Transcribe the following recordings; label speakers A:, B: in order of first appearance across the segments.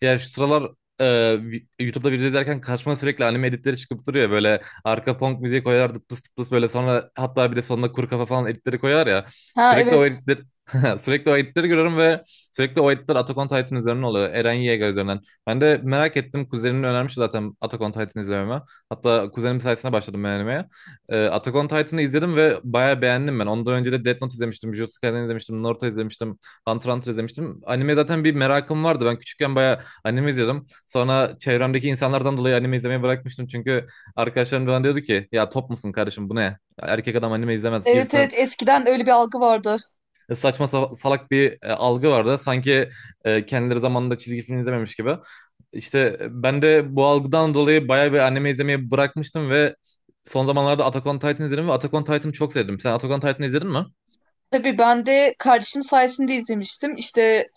A: Ya şu sıralar e, YouTube'da video izlerken karşıma sürekli anime editleri çıkıp duruyor. Böyle arka punk müziği koyar dıp dıs dıp dıs böyle sonra hatta bir de sonuna kuru kafa falan editleri koyar ya.
B: Ha
A: Sürekli o
B: evet.
A: editler sürekli o editleri görüyorum ve sürekli o editler Attack on Titan üzerinden oluyor. Eren Yeager üzerinden. Ben de merak ettim. Kuzenim önermiş zaten Attack on Titan izlememe. Hatta kuzenim sayesinde başladım ben animeye. Attack on Titan'ı izledim ve bayağı beğendim ben. Ondan önce de Death Note izlemiştim, Jujutsu Kaisen izlemiştim, Naruto izlemiştim, Hunter x Hunter izlemiştim. Anime zaten bir merakım vardı. Ben küçükken bayağı anime izliyordum. Sonra çevremdeki insanlardan dolayı anime izlemeyi bırakmıştım. Çünkü arkadaşlarım bana diyordu ki ya top musun kardeşim bu ne? Ya erkek adam anime izlemez
B: Evet
A: gibisinden
B: evet, eskiden öyle bir algı vardı.
A: saçma salak bir algı vardı. Sanki kendileri zamanında çizgi film izlememiş gibi. İşte ben de bu algıdan dolayı bayağı bir anime izlemeyi bırakmıştım ve son zamanlarda Attack on Titan izledim ve Attack on Titan'ı çok sevdim. Sen Attack on Titan'ı izledin mi?
B: Tabii, ben de kardeşim sayesinde izlemiştim. İşte,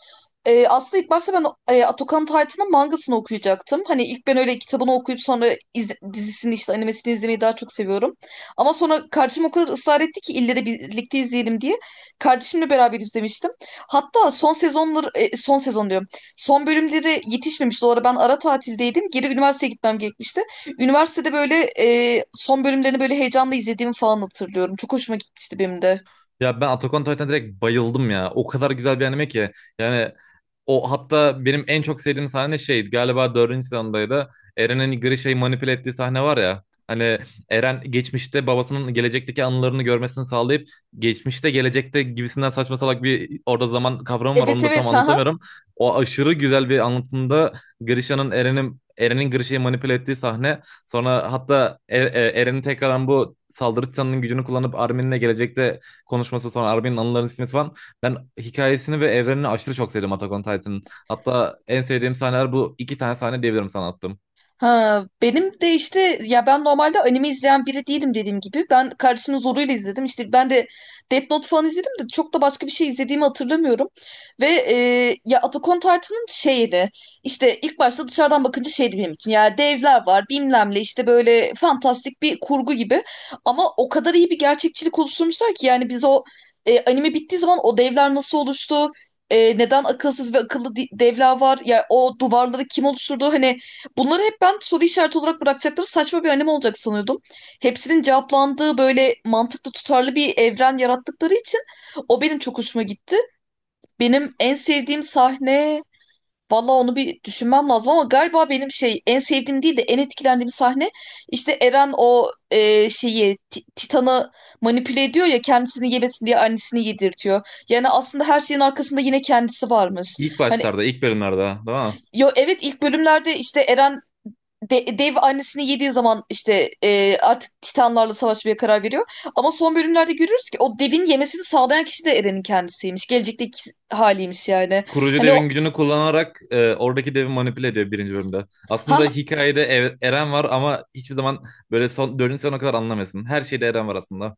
B: Aslında ilk başta ben Atakan Titan'ın mangasını okuyacaktım. Hani ilk ben öyle kitabını okuyup sonra dizisini, işte animesini izlemeyi daha çok seviyorum. Ama sonra kardeşim o kadar ısrar etti ki ille de birlikte izleyelim diye. Kardeşimle beraber izlemiştim. Hatta son sezonları, son sezon diyorum. Son bölümleri yetişmemişti. O ara ben ara tatildeydim. Geri üniversiteye gitmem gerekmişti. Üniversitede böyle son bölümlerini böyle heyecanla izlediğimi falan hatırlıyorum. Çok hoşuma gitmişti benim de.
A: Ya ben Attack on Titan'a direkt bayıldım ya. O kadar güzel bir anime ki. Yani o hatta benim en çok sevdiğim sahne şeydi. Galiba dördüncü sezondaydı. Eren'in hani Grisha'yı manipüle ettiği sahne var ya. Hani Eren geçmişte babasının gelecekteki anılarını görmesini sağlayıp geçmişte gelecekte gibisinden saçma salak bir orada zaman kavramı var.
B: Evet
A: Onu da tam
B: evet. Ha
A: anlatamıyorum. O aşırı güzel bir anlatımda Grisha'nın Eren'in Grisha'yı manipüle ettiği sahne. Sonra hatta Eren'in tekrardan bu saldırı titanının gücünü kullanıp Armin'le gelecekte konuşması sonra Armin'in anılarını silmesi falan. Ben hikayesini ve evrenini aşırı çok sevdim Attack on Titan'ın. Hatta en sevdiğim sahneler bu iki tane sahne diyebilirim sana attım.
B: Ha, Benim de, işte ya, ben normalde anime izleyen biri değilim dediğim gibi. Ben kardeşimin zoruyla izledim. İşte ben de Death Note falan izledim de çok da başka bir şey izlediğimi hatırlamıyorum. Ve ya, Attack on Titan'ın şeydi. İşte ilk başta dışarıdan bakınca şeydi benim için. Ya, devler var bilmem ne, işte böyle fantastik bir kurgu gibi. Ama o kadar iyi bir gerçekçilik oluşturmuşlar ki, yani biz o anime bittiği zaman o devler nasıl oluştu? Neden akılsız ve akıllı devler var? Ya, o duvarları kim oluşturdu? Hani, bunları hep ben soru işareti olarak bırakacakları saçma bir anime olacak sanıyordum. Hepsinin cevaplandığı böyle mantıklı, tutarlı bir evren yarattıkları için o benim çok hoşuma gitti. Benim en sevdiğim sahne, valla onu bir düşünmem lazım, ama galiba benim şey, en sevdiğim değil de en etkilendiğim sahne işte Eren o şeyi Titan'ı manipüle ediyor ya, kendisini yemesin diye annesini yedirtiyor. Yani aslında her şeyin arkasında yine kendisi varmış.
A: İlk
B: Hani.
A: başlarda, ilk bölümlerde, değil mi?
B: Yo, evet, ilk bölümlerde işte Eren dev annesini yediği zaman işte artık Titanlarla savaşmaya karar veriyor. Ama son bölümlerde görüyoruz ki o devin yemesini sağlayan kişi de Eren'in kendisiymiş. Gelecekteki haliymiş yani.
A: Kurucu
B: Hani
A: devin
B: o.
A: gücünü kullanarak oradaki devi manipüle ediyor birinci bölümde. Aslında
B: ha
A: hikayede Eren var ama hiçbir zaman böyle son, dördüncü sezona kadar anlamıyorsun. Her şeyde Eren var aslında.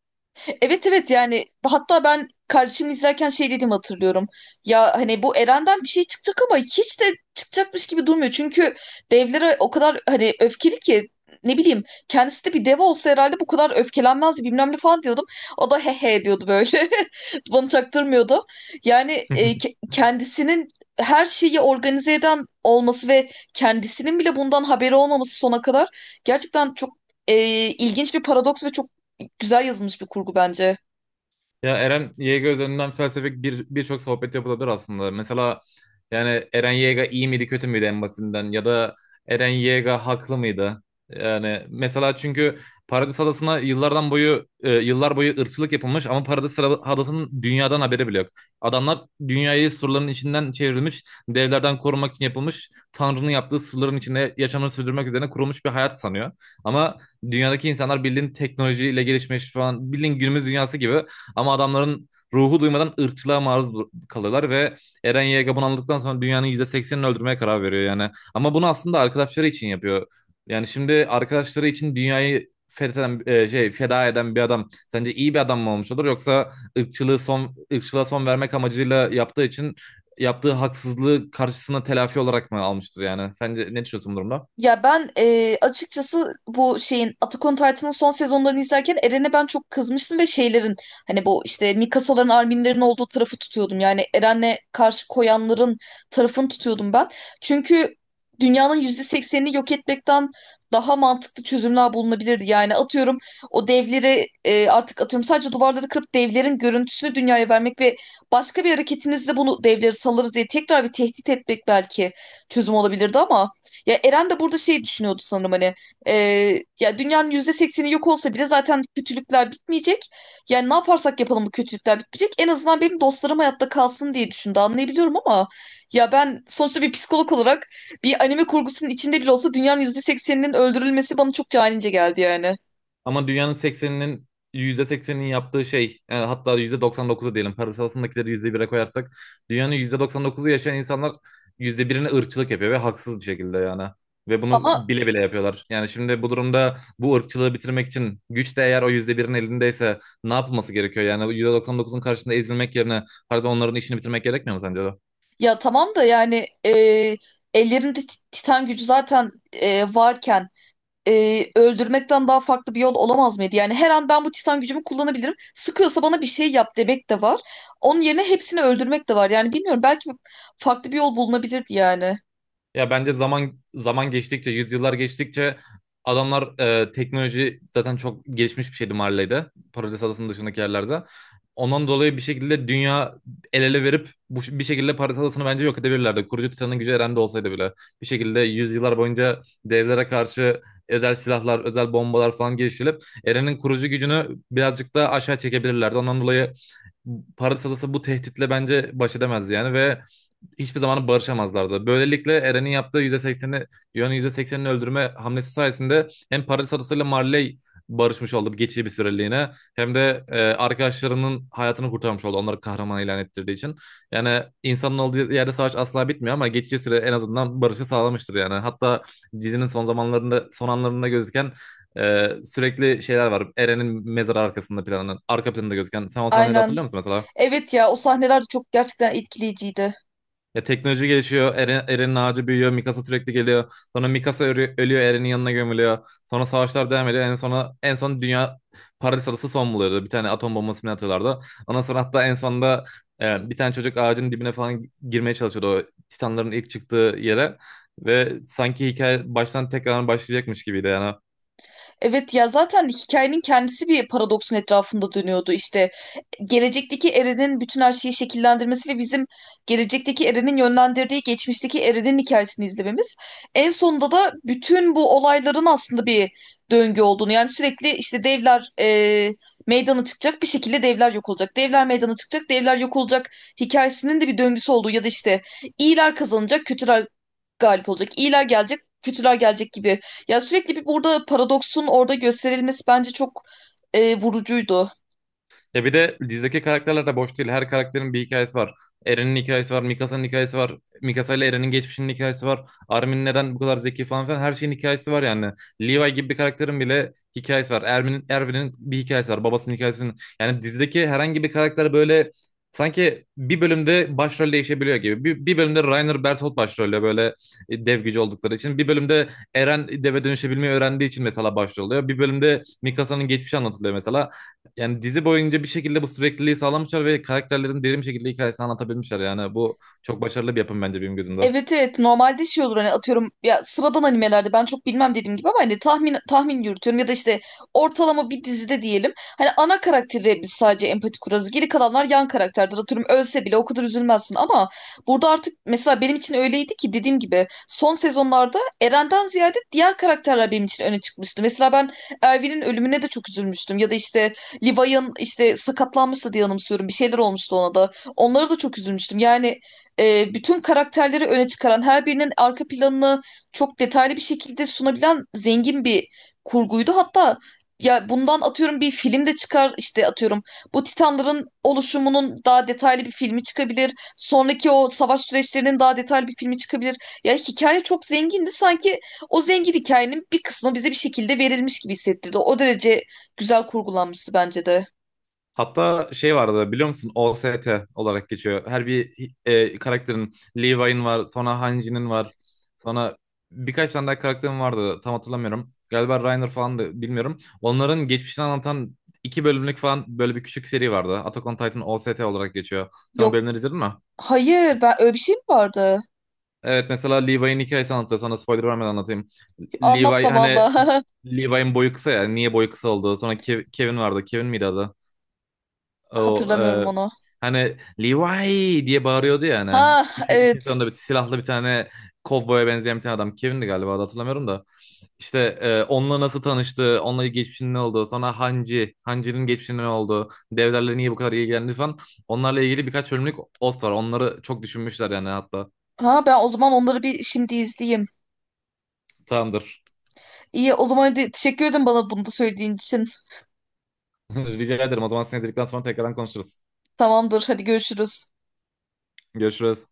B: Evet evet, yani hatta ben kardeşim izlerken şey dedim, hatırlıyorum. Ya hani, bu Eren'den bir şey çıkacak ama hiç de çıkacakmış gibi durmuyor. Çünkü devlere o kadar hani öfkeli ki, ne bileyim, kendisi de bir dev olsa herhalde bu kadar öfkelenmezdi bilmem ne falan diyordum. O da he he diyordu böyle. Bana çaktırmıyordu. Yani kendisinin her şeyi organize eden olması ve kendisinin bile bundan haberi olmaması sona kadar gerçekten çok e, ilginç bir paradoks ve çok güzel yazılmış bir kurgu bence.
A: Ya Eren Yeager üzerinden felsefik bir birçok sohbet yapılabilir aslında. Mesela yani Eren Yeager iyi miydi kötü müydü en basitinden ya da Eren Yeager haklı mıydı? Yani mesela çünkü Paradis Adası'na yıllar boyu ırkçılık yapılmış ama Paradis Adası'nın dünyadan haberi bile yok. Adamlar dünyayı surların içinden çevrilmiş, devlerden korumak için yapılmış, Tanrı'nın yaptığı surların içinde yaşamını sürdürmek üzerine kurulmuş bir hayat sanıyor. Ama dünyadaki insanlar bildiğin teknolojiyle gelişmiş falan bildiğin günümüz dünyası gibi ama adamların ruhu duymadan ırkçılığa maruz kalıyorlar ve Eren Yeager bunu anladıktan sonra dünyanın %80'ini öldürmeye karar veriyor yani. Ama bunu aslında arkadaşları için yapıyor. Yani şimdi arkadaşları için dünyayı fetheden, feda eden bir adam sence iyi bir adam mı olmuş olur yoksa ırkçılığı son ırkçılığa son vermek amacıyla yaptığı için yaptığı haksızlığı karşısına telafi olarak mı almıştır yani? Sence ne düşünüyorsun bu durumda?
B: Ya ben açıkçası bu şeyin, Attack on Titan'ın son sezonlarını izlerken Eren'e ben çok kızmıştım ve şeylerin, hani bu işte Mikasa'ların, Armin'lerin olduğu tarafı tutuyordum. Yani Eren'le karşı koyanların tarafını tutuyordum ben. Çünkü dünyanın %80'ini yok etmekten daha mantıklı çözümler bulunabilirdi. Yani, atıyorum, o devleri artık, atıyorum, sadece duvarları kırıp devlerin görüntüsünü dünyaya vermek ve başka bir hareketinizle bunu, devleri salarız diye tekrar bir tehdit etmek belki çözüm olabilirdi, ama ya Eren de burada şey düşünüyordu sanırım, hani e, ya, dünyanın %80'i yok olsa bile zaten kötülükler bitmeyecek. Yani ne yaparsak yapalım bu kötülükler bitmeyecek. En azından benim dostlarım hayatta kalsın diye düşündü, anlayabiliyorum, ama ya ben sonuçta bir psikolog olarak bir anime kurgusunun içinde bile olsa dünyanın %80'inin öldürülmesi bana çok canice geldi yani.
A: Ama dünyanın yüzde %80'inin yaptığı şey, yani hatta %99'u diyelim, parasalsındakileri %1'e koyarsak dünyanın %99'u yaşayan insanlar %1'ine ırkçılık yapıyor ve haksız bir şekilde yani. Ve bunu
B: Ama
A: bile bile yapıyorlar. Yani şimdi bu durumda bu ırkçılığı bitirmek için güç de eğer o %1'in elindeyse ne yapılması gerekiyor? Yani %99'un karşısında ezilmek yerine, pardon, onların işini bitirmek gerekmiyor mu sence de?
B: ya tamam da, yani ellerinde titan gücü zaten varken öldürmekten daha farklı bir yol olamaz mıydı? Yani her an ben bu titan gücümü kullanabilirim. Sıkıyorsa bana bir şey yap demek de var. Onun yerine hepsini öldürmek de var. Yani bilmiyorum, belki farklı bir yol bulunabilirdi yani.
A: Ya bence zaman zaman geçtikçe, yüzyıllar geçtikçe adamlar teknoloji zaten çok gelişmiş bir şeydi Marley'de. Paradis Adası'nın dışındaki yerlerde. Ondan dolayı bir şekilde dünya el ele verip bu, bir şekilde Paradis Adası'nı bence yok edebilirlerdi. Kurucu Titan'ın gücü Eren'de olsaydı bile. Bir şekilde yüzyıllar boyunca devlere karşı özel silahlar, özel bombalar falan geliştirilip Eren'in kurucu gücünü birazcık da aşağı çekebilirlerdi. Ondan dolayı Paradis Adası bu tehditle bence baş edemezdi yani ve hiçbir zaman barışamazlardı. Böylelikle Eren'in yaptığı %80'i, Yuan'ın %80'ini öldürme hamlesi sayesinde hem Paris adasıyla Marley barışmış oldu geçici bir süreliğine, hem de arkadaşlarının hayatını kurtarmış oldu onları kahraman ilan ettirdiği için. Yani insanın olduğu yerde savaş asla bitmiyor ama geçici süre en azından barışı sağlamıştır yani. Hatta dizinin son zamanlarında son anlarında gözüken e, sürekli şeyler var. Eren'in mezarı arkasında planının arka planında gözüken, sen o sahneleri hatırlıyor
B: Aynen.
A: musun mesela?
B: Evet ya, o sahneler de çok gerçekten etkileyiciydi.
A: Ya teknoloji gelişiyor. Eren, Eren'in ağacı büyüyor. Mikasa sürekli geliyor. Sonra Mikasa ölüyor. Eren'in yanına gömülüyor. Sonra savaşlar devam ediyor. En son dünya Paris adası son buluyordu. Bir tane atom bombası mı ne atıyorlardı. Ondan sonra hatta en sonunda bir tane çocuk ağacın dibine falan girmeye çalışıyordu. O Titanların ilk çıktığı yere. Ve sanki hikaye baştan tekrar başlayacakmış gibiydi yani.
B: Evet ya, zaten hikayenin kendisi bir paradoksun etrafında dönüyordu. İşte gelecekteki Eren'in bütün her şeyi şekillendirmesi ve bizim gelecekteki Eren'in yönlendirdiği geçmişteki Eren'in hikayesini izlememiz. En sonunda da bütün bu olayların aslında bir döngü olduğunu, yani sürekli işte devler meydana çıkacak, bir şekilde devler yok olacak. Devler meydana çıkacak, devler yok olacak hikayesinin de bir döngüsü olduğu, ya da işte iyiler kazanacak, kötüler galip olacak. İyiler gelecek, kötüler gelecek gibi. Ya sürekli bir burada paradoksun orada gösterilmesi bence çok vurucuydu.
A: Ya bir de dizideki karakterler de boş değil. Her karakterin bir hikayesi var. Eren'in hikayesi var, Mikasa'nın hikayesi var. Mikasa ile Eren'in geçmişinin hikayesi var. Armin neden bu kadar zeki falan filan, her şeyin hikayesi var yani. Levi gibi bir karakterin bile hikayesi var. Erwin'in bir hikayesi var. Babasının hikayesinin. Yani dizideki herhangi bir karakter böyle sanki bir bölümde başrol değişebiliyor gibi. Bir bölümde Rainer Berthold başrolle böyle dev gücü oldukları için. Bir bölümde Eren deve dönüşebilmeyi öğrendiği için mesela başrol oluyor. Bir bölümde Mikasa'nın geçmişi anlatılıyor mesela. Yani dizi boyunca bir şekilde bu sürekliliği sağlamışlar ve karakterlerin derin bir şekilde hikayesini anlatabilmişler. Yani bu çok başarılı bir yapım bence benim gözümde.
B: Evet evet, normalde şey olur hani, atıyorum ya, sıradan animelerde ben çok bilmem dediğim gibi, ama hani tahmin yürütüyorum ya da işte ortalama bir dizide diyelim, hani ana karakterle biz sadece empati kurarız, geri kalanlar yan karakterdir, atıyorum ölse bile o kadar üzülmezsin, ama burada artık mesela benim için öyleydi ki, dediğim gibi son sezonlarda Eren'den ziyade diğer karakterler benim için öne çıkmıştı. Mesela ben Erwin'in ölümüne de çok üzülmüştüm ya da işte Levi'nin, işte sakatlanmıştı diye anımsıyorum, bir şeyler olmuştu, ona da, onlara da çok üzülmüştüm yani. Bütün karakterleri öne çıkaran, her birinin arka planını çok detaylı bir şekilde sunabilen zengin bir kurguydu. Hatta ya bundan, atıyorum, bir film de çıkar, işte atıyorum bu Titanların oluşumunun daha detaylı bir filmi çıkabilir. Sonraki o savaş süreçlerinin daha detaylı bir filmi çıkabilir. Ya hikaye çok zengindi. Sanki o zengin hikayenin bir kısmı bize bir şekilde verilmiş gibi hissettirdi. O derece güzel kurgulanmıştı bence de.
A: Hatta şey vardı biliyor musun? OST olarak geçiyor. Her bir karakterin, Levi'nin var, sonra Hanji'nin var, sonra birkaç tane daha karakterin vardı. Tam hatırlamıyorum. Galiba Reiner falan da bilmiyorum. Onların geçmişini anlatan iki bölümlük falan böyle bir küçük seri vardı. Attack on Titan OST olarak geçiyor. Sen o
B: Yok,
A: bölümleri izledin mi?
B: hayır, ben, öyle bir şey mi vardı?
A: Evet mesela Levi'nin hikayesini anlatıyor. Sana spoiler vermeden anlatayım.
B: Anlatma
A: Levi
B: valla.
A: hani Levi'nin boyu kısa ya. Niye boyu kısa oldu? Sonra Kevin vardı. Kevin miydi adı? O
B: Hatırlamıyorum onu.
A: hani Levi diye bağırıyordu ya hani.
B: Ha
A: Üçün
B: evet.
A: sonunda bir silahlı bir tane kovboya benzeyen bir tane adam. Kevin'di galiba adı, hatırlamıyorum da. İşte onunla nasıl tanıştı, onunla geçmişinin ne olduğu, sonra Hanji, Hanji'nin geçmişinin ne olduğu, devlerle niye bu kadar ilgilendi falan. Onlarla ilgili birkaç bölümlük ot var. Onları çok düşünmüşler yani hatta.
B: Ha, ben o zaman onları bir şimdi izleyeyim.
A: Tamamdır.
B: İyi, o zaman hadi, teşekkür ederim bana bunu da söylediğin için.
A: Rica ederim. O zaman seni izledikten sonra tekrardan konuşuruz.
B: Tamamdır, hadi görüşürüz.
A: Görüşürüz.